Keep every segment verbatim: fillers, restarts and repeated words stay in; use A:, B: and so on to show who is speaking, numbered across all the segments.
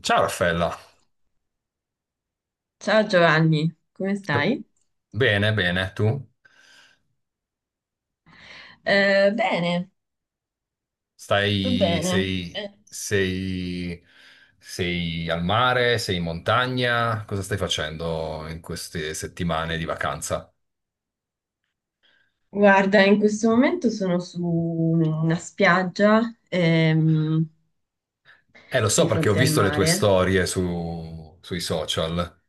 A: Ciao Raffaella,
B: Ciao Giovanni, come stai?
A: bene, bene, tu?
B: Eh, bene, tutto
A: Stai,
B: bene.
A: sei,
B: Eh,
A: sei, sei al mare, sei in montagna? Cosa stai facendo in queste settimane di vacanza?
B: Guarda, in questo momento sono su una spiaggia, ehm,
A: Eh, lo so
B: di
A: perché ho
B: fronte al
A: visto le tue
B: mare.
A: storie su, sui social.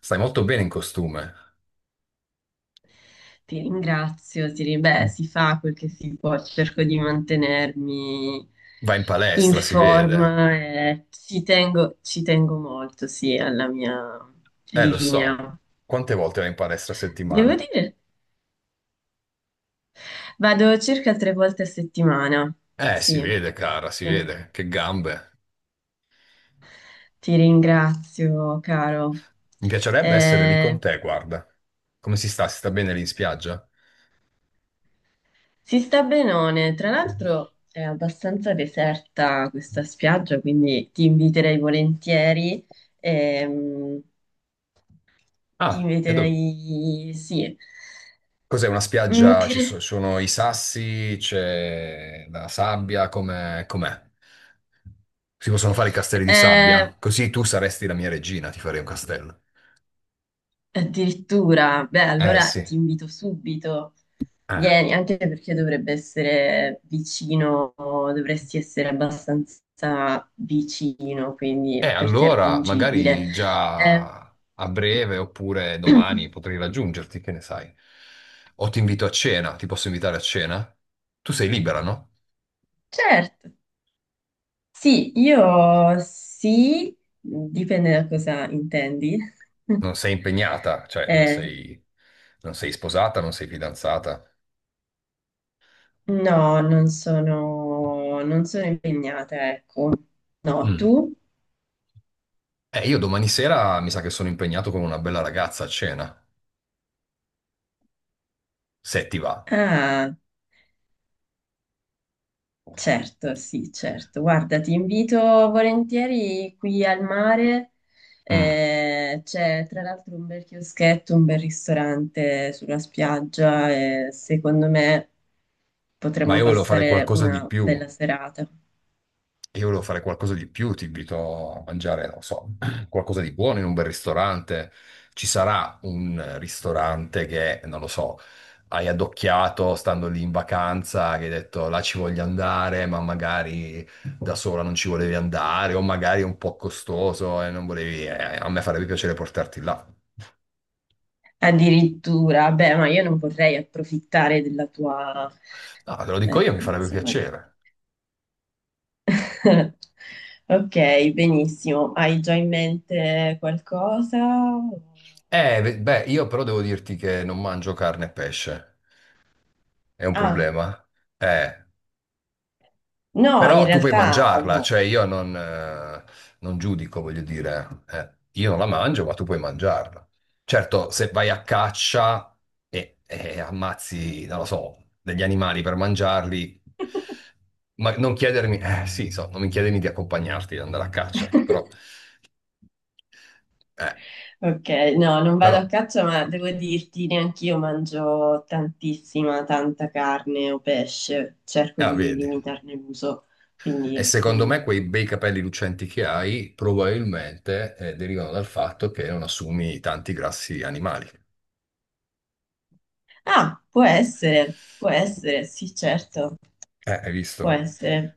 A: Stai molto bene in costume.
B: Ti ringrazio, ti ri- beh, si fa quel che si può, cerco di mantenermi
A: Vai in
B: in
A: palestra, si vede.
B: forma e ci tengo, ci tengo molto, sì, alla mia
A: Eh, lo so.
B: linea.
A: Quante volte vai in palestra a
B: Devo
A: settimana?
B: dire. Vado circa tre volte a settimana,
A: Eh, si
B: sì.
A: vede, cara, si
B: Ehm,
A: vede. Che gambe.
B: Ti ringrazio, caro.
A: Mi piacerebbe essere lì con
B: Eh,
A: te, guarda. Come si sta? Si sta bene lì in spiaggia?
B: si sta benone. Tra l'altro è abbastanza deserta questa spiaggia, quindi ti inviterei volentieri. ehm, Ti
A: Ah, e dov-
B: inviterei, sì.
A: Cos'è una
B: Mm,
A: spiaggia? Ci
B: cre-
A: so- sono i sassi, c'è la sabbia, com'è? Com'è? Si possono fare i castelli di
B: eh,
A: sabbia? Così tu saresti la mia regina, ti farei un castello.
B: Addirittura, beh,
A: Eh
B: allora
A: sì.
B: ti invito subito.
A: Eh.
B: Vieni, anche perché dovrebbe essere vicino, dovresti essere abbastanza vicino,
A: E
B: quindi per te
A: allora,
B: raggiungibile.
A: magari
B: Eh,
A: già a breve oppure domani potrei raggiungerti, che ne sai? O ti invito a cena, ti posso invitare a cena? Tu sei libera, no?
B: certo, sì, io sì, dipende da cosa intendi.
A: Non sei impegnata, cioè non
B: Eh,
A: sei, non sei sposata, non sei fidanzata.
B: no, non sono, non sono impegnata, ecco. No,
A: Mm.
B: tu?
A: Eh, io domani sera mi sa che sono impegnato con una bella ragazza a cena, se ti va.
B: Ah. Certo, sì, certo. Guarda, ti invito volentieri qui al mare.
A: Mm.
B: Eh, c'è tra l'altro un bel chioschetto, un bel ristorante sulla spiaggia e secondo me
A: Ma
B: potremmo
A: io volevo fare
B: passare
A: qualcosa di
B: una
A: più.
B: bella serata.
A: Io volevo fare qualcosa di più, ti invito a mangiare, non so, qualcosa di buono in un bel ristorante. Ci sarà un ristorante che, non lo so, hai addocchiato stando lì in vacanza, che hai detto là ci voglio andare, ma magari da sola non ci volevi andare, o magari è un po' costoso e non volevi. eh, a me farebbe piacere portarti là.
B: Addirittura, beh, ma io non vorrei approfittare della tua,
A: No, te lo dico
B: eh,
A: io, mi farebbe
B: insomma...
A: piacere.
B: Ok, benissimo. Hai già in mente qualcosa?
A: Eh, ve- beh, io però devo dirti che non mangio carne e pesce. È un
B: Ah.
A: problema? Eh.
B: No, in
A: Però tu puoi
B: realtà
A: mangiarla,
B: no.
A: cioè io non, eh, non giudico, voglio dire, eh, io non la mangio, ma tu puoi mangiarla. Certo, se vai a caccia e, e ammazzi, non lo so, degli animali per mangiarli, ma non chiedermi, eh, sì, so, non mi chiedermi di accompagnarti ad andare a caccia, ecco, però, eh,
B: Ok, no, non vado a
A: però,
B: caccia, ma devo dirti, neanch'io mangio tantissima, tanta carne o pesce, cerco
A: ah,
B: di
A: vedi.
B: limitarne l'uso,
A: E
B: quindi...
A: secondo
B: mm.
A: me quei bei capelli lucenti che hai probabilmente eh, derivano dal fatto che non assumi tanti grassi animali.
B: Ah, può essere, può essere, sì, certo,
A: Eh, hai visto?
B: può essere.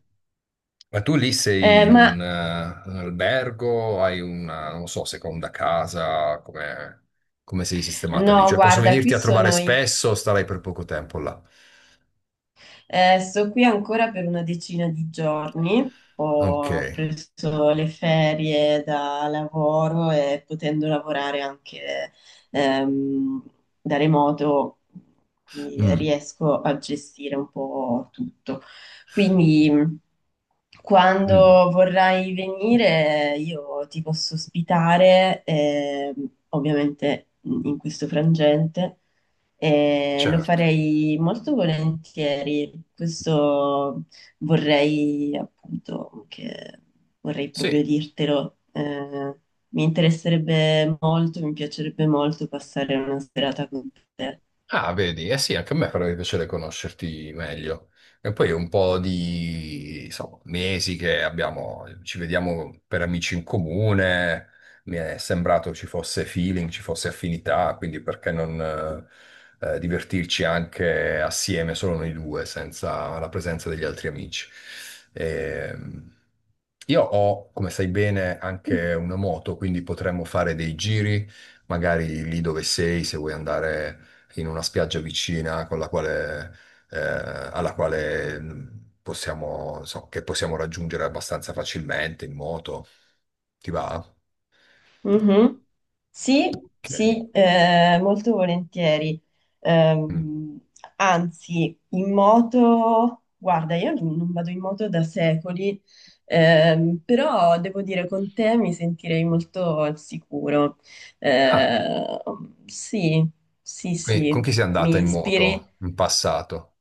A: Ma tu lì sei
B: Eh,
A: in
B: ma
A: un, eh, un albergo, hai una, non so, seconda casa, come come sei sistemata lì?
B: no,
A: Cioè posso
B: guarda, qui
A: venirti a trovare
B: sono i-
A: spesso o starai per poco tempo là?
B: eh, sto qui ancora per una decina di giorni.
A: Ok.
B: Ho preso le ferie da lavoro e potendo lavorare anche ehm, da remoto, quindi
A: Mm,
B: riesco a gestire un po' tutto. Quindi mh,
A: mm,
B: quando vorrai venire, io ti posso ospitare, ehm, ovviamente in questo frangente e lo
A: certo.
B: farei molto volentieri. Questo vorrei appunto che Vorrei proprio
A: Sì,
B: dirtelo. Eh, mi interesserebbe molto, mi piacerebbe molto passare una serata con te.
A: ah, vedi, eh sì, anche a me farebbe piacere conoscerti meglio. E poi è un po' di, insomma, mesi che abbiamo, ci vediamo per amici in comune, mi è sembrato ci fosse feeling, ci fosse affinità, quindi perché non eh, eh, divertirci anche assieme, solo noi due, senza la presenza degli altri amici. Ehm, io ho, come sai bene, anche una moto, quindi potremmo fare dei giri magari lì dove sei, se vuoi andare in una spiaggia vicina con la quale, eh, alla quale mh, possiamo, so, che possiamo raggiungere abbastanza facilmente in moto. Ti va? Ok.
B: Sì, sì, eh, molto volentieri.
A: Mm.
B: Ehm, Anzi, in moto, guarda, io non non vado in moto da secoli, ehm, però devo dire con te mi sentirei molto al sicuro.
A: Ah,
B: Eh, sì, sì,
A: e con
B: sì,
A: chi sei andata
B: mi
A: in
B: ispiri
A: moto in passato?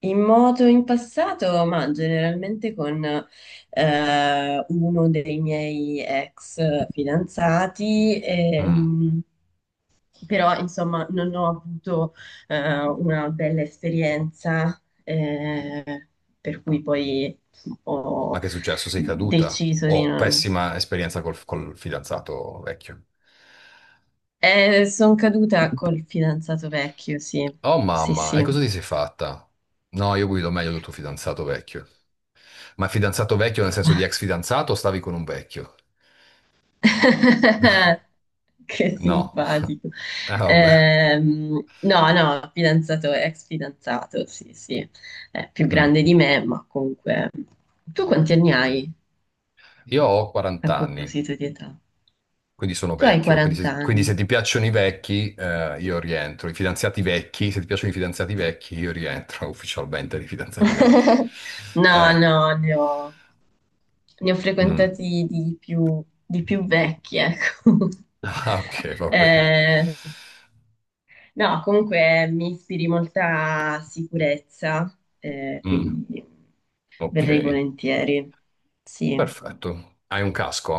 B: in moto in passato, ma generalmente con eh, uno dei miei ex fidanzati.
A: Mm.
B: Ehm, però insomma non ho avuto eh, una bella esperienza, eh, per cui poi
A: Ma
B: ho
A: che è successo? Sei caduta?
B: deciso di
A: Oh,
B: non...
A: pessima esperienza col, col fidanzato vecchio.
B: sono caduta col fidanzato vecchio, sì,
A: Oh
B: sì,
A: mamma, e
B: sì.
A: cosa ti sei fatta? No, io guido meglio del tuo fidanzato vecchio. Ma fidanzato vecchio nel senso di ex fidanzato o stavi con un vecchio?
B: Che
A: No,
B: simpatico.
A: eh, vabbè.
B: Ehm, no, no, fidanzato, ex fidanzato, sì, sì, è più
A: Mm.
B: grande di me, ma comunque... Tu quanti anni hai
A: Io ho
B: a
A: quaranta anni,
B: proposito di età?
A: quindi sono
B: Tu hai
A: vecchio. Quindi
B: quaranta
A: se, quindi
B: anni.
A: se ti piacciono i vecchi, eh, io rientro. I fidanzati vecchi, se ti piacciono i fidanzati vecchi, io rientro ufficialmente nei fidanzati vecchi.
B: No,
A: Eh,
B: no, ne ho, ne ho
A: mm.
B: frequentati di più, di più vecchi, ecco.
A: Ah, ok, va bene.
B: Eh, no, comunque mi ispiri molta sicurezza, eh,
A: Mm,
B: quindi
A: ok,
B: verrei volentieri, sì.
A: perfetto. Hai un casco?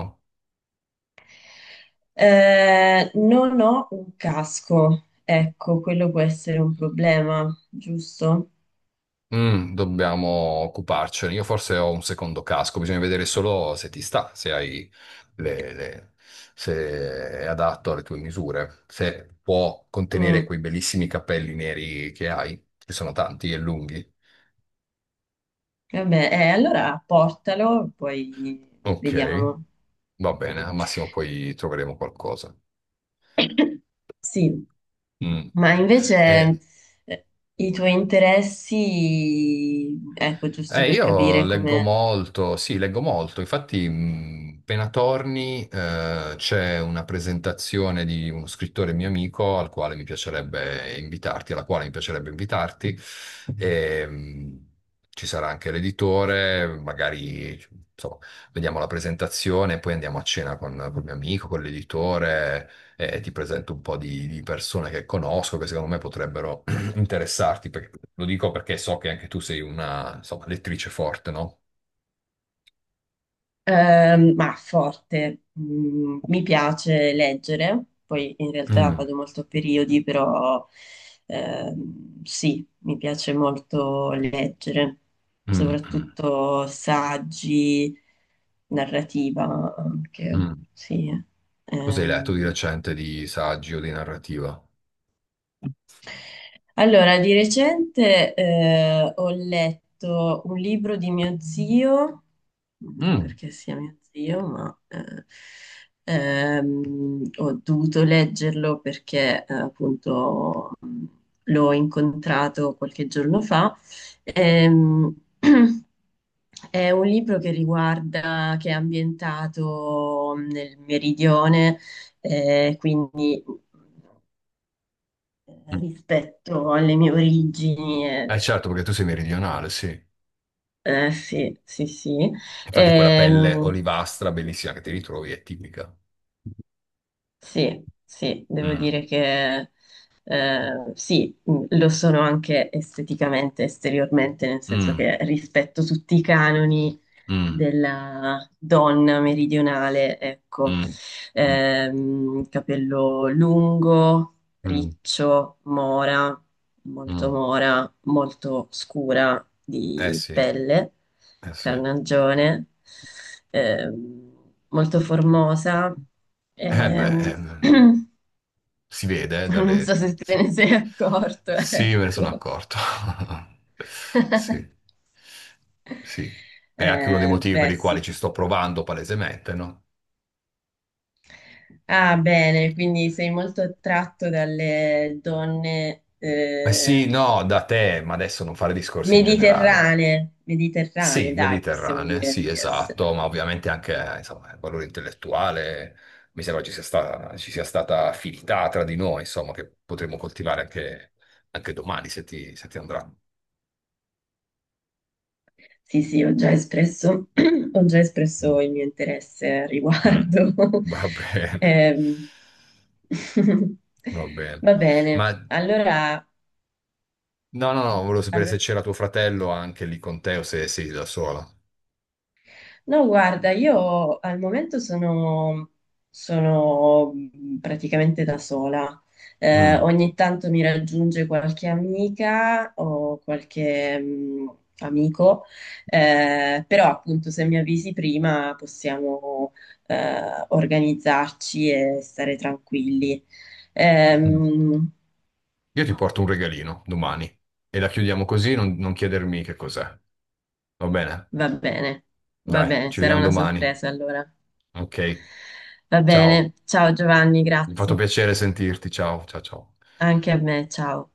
B: Eh, non ho un casco, ecco, quello può essere un problema, giusto?
A: Mm, dobbiamo occuparcene. Io forse ho un secondo casco, bisogna vedere solo se ti sta, se hai le, le- se è adatto alle tue misure, se può contenere
B: Mm,
A: quei bellissimi capelli neri che hai, che sono tanti e lunghi.
B: Vabbè, eh, allora portalo, poi
A: Ok,
B: vediamo.
A: va bene, al massimo poi troveremo qualcosa.
B: Sì,
A: Mm.
B: ma invece
A: E
B: eh, i tuoi interessi, ecco, giusto
A: Eh,
B: per
A: io
B: capire
A: leggo
B: come,
A: molto, sì, leggo molto. Infatti, mh, appena torni, eh, c'è una presentazione di uno scrittore mio amico al quale mi piacerebbe invitarti, alla quale mi piacerebbe invitarti. E, mh, ci sarà anche l'editore, magari, insomma, vediamo la presentazione, poi andiamo a cena con, con mio amico, con l'editore, e ti presento un po' di, di persone che conosco, che secondo me potrebbero interessarti, perché- lo dico perché so che anche tu sei una, insomma, lettrice forte, no?
B: ehm, ma forte, mm, mi piace leggere, poi in realtà
A: Mm,
B: vado molto a periodi, però ehm, sì, mi piace molto leggere,
A: mm, mm,
B: soprattutto saggi, narrativa anche,
A: mm.
B: sì.
A: Cosa hai letto di
B: Ehm,
A: recente di saggi o di narrativa?
B: Allora, di recente eh, ho letto un libro di mio zio, non
A: Mm,
B: perché sia mio zio, ma eh, ehm, ho dovuto leggerlo perché eh, appunto mh, l'ho incontrato qualche giorno fa. Ehm, è un libro che riguarda, che è ambientato nel meridione, eh, quindi eh,
A: mm.
B: rispetto alle mie origini. Eh,
A: Eh certo, perché tu sei meridionale, sì.
B: eh, sì, sì, sì.
A: Infatti quella pelle
B: Ehm,
A: olivastra bellissima che ti ritrovi è tipica.
B: sì, sì, devo
A: Mm,
B: dire che eh, sì, mh, lo sono anche esteticamente, esteriormente, nel senso
A: mm,
B: che rispetto tutti i canoni
A: mm,
B: della donna meridionale, ecco.
A: mm, mm,
B: Ehm, capello lungo,
A: mm,
B: riccio, mora, molto
A: mm.
B: mora, molto scura
A: Eh
B: di
A: sì, eh
B: pelle,
A: sì. Eh
B: carnagione, ehm, molto formosa,
A: beh,
B: ehm,
A: ehm, si vede eh,
B: non so
A: dalle.
B: se te
A: Sì.
B: ne sei accorto,
A: Sì, me ne sono
B: ecco.
A: accorto. Sì, sì. È anche uno dei
B: Eh,
A: motivi per
B: beh,
A: i quali
B: sì.
A: ci sto provando palesemente, no?
B: Ah, bene, quindi sei molto attratto dalle donne
A: Eh
B: eh,
A: sì, no, da te, ma adesso non fare discorsi in generale.
B: mediterranee,
A: Sì,
B: mediterranee, dai, possiamo
A: mediterranee,
B: dire
A: sì,
B: di
A: esatto,
B: essere.
A: ma ovviamente anche, eh, insomma, il valore intellettuale, mi sembra ci sia stata, ci sia stata affinità tra di noi, insomma, che potremo coltivare anche, anche domani, se ti, se ti andrà.
B: Sì, sì, ho già espresso, ho già
A: Mm.
B: espresso il mio interesse al
A: Mm,
B: riguardo.
A: va bene,
B: Ehm,
A: va bene.
B: Va
A: Ma
B: bene,
A: no,
B: allora,
A: no, no, volevo sapere se
B: allora
A: c'era tuo fratello anche lì con te o se sei da sola.
B: no, guarda, io al momento sono, sono mhmm, praticamente da sola. Eh,
A: Mm,
B: ogni tanto mi raggiunge qualche amica o qualche mh, amico, eh, però appunto se mi avvisi prima possiamo eh, organizzarci e stare tranquilli.
A: mm.
B: Ehm,
A: Io ti porto un regalino domani e la chiudiamo così, non, non chiedermi che cos'è. Va bene?
B: Va bene, va
A: Dai,
B: bene,
A: ci
B: sarà
A: vediamo
B: una
A: domani.
B: sorpresa allora.
A: Ok,
B: Va
A: ciao.
B: bene, ciao Giovanni,
A: Mi ha fatto
B: grazie.
A: piacere sentirti. Ciao, ciao, ciao.
B: Anche a me, ciao.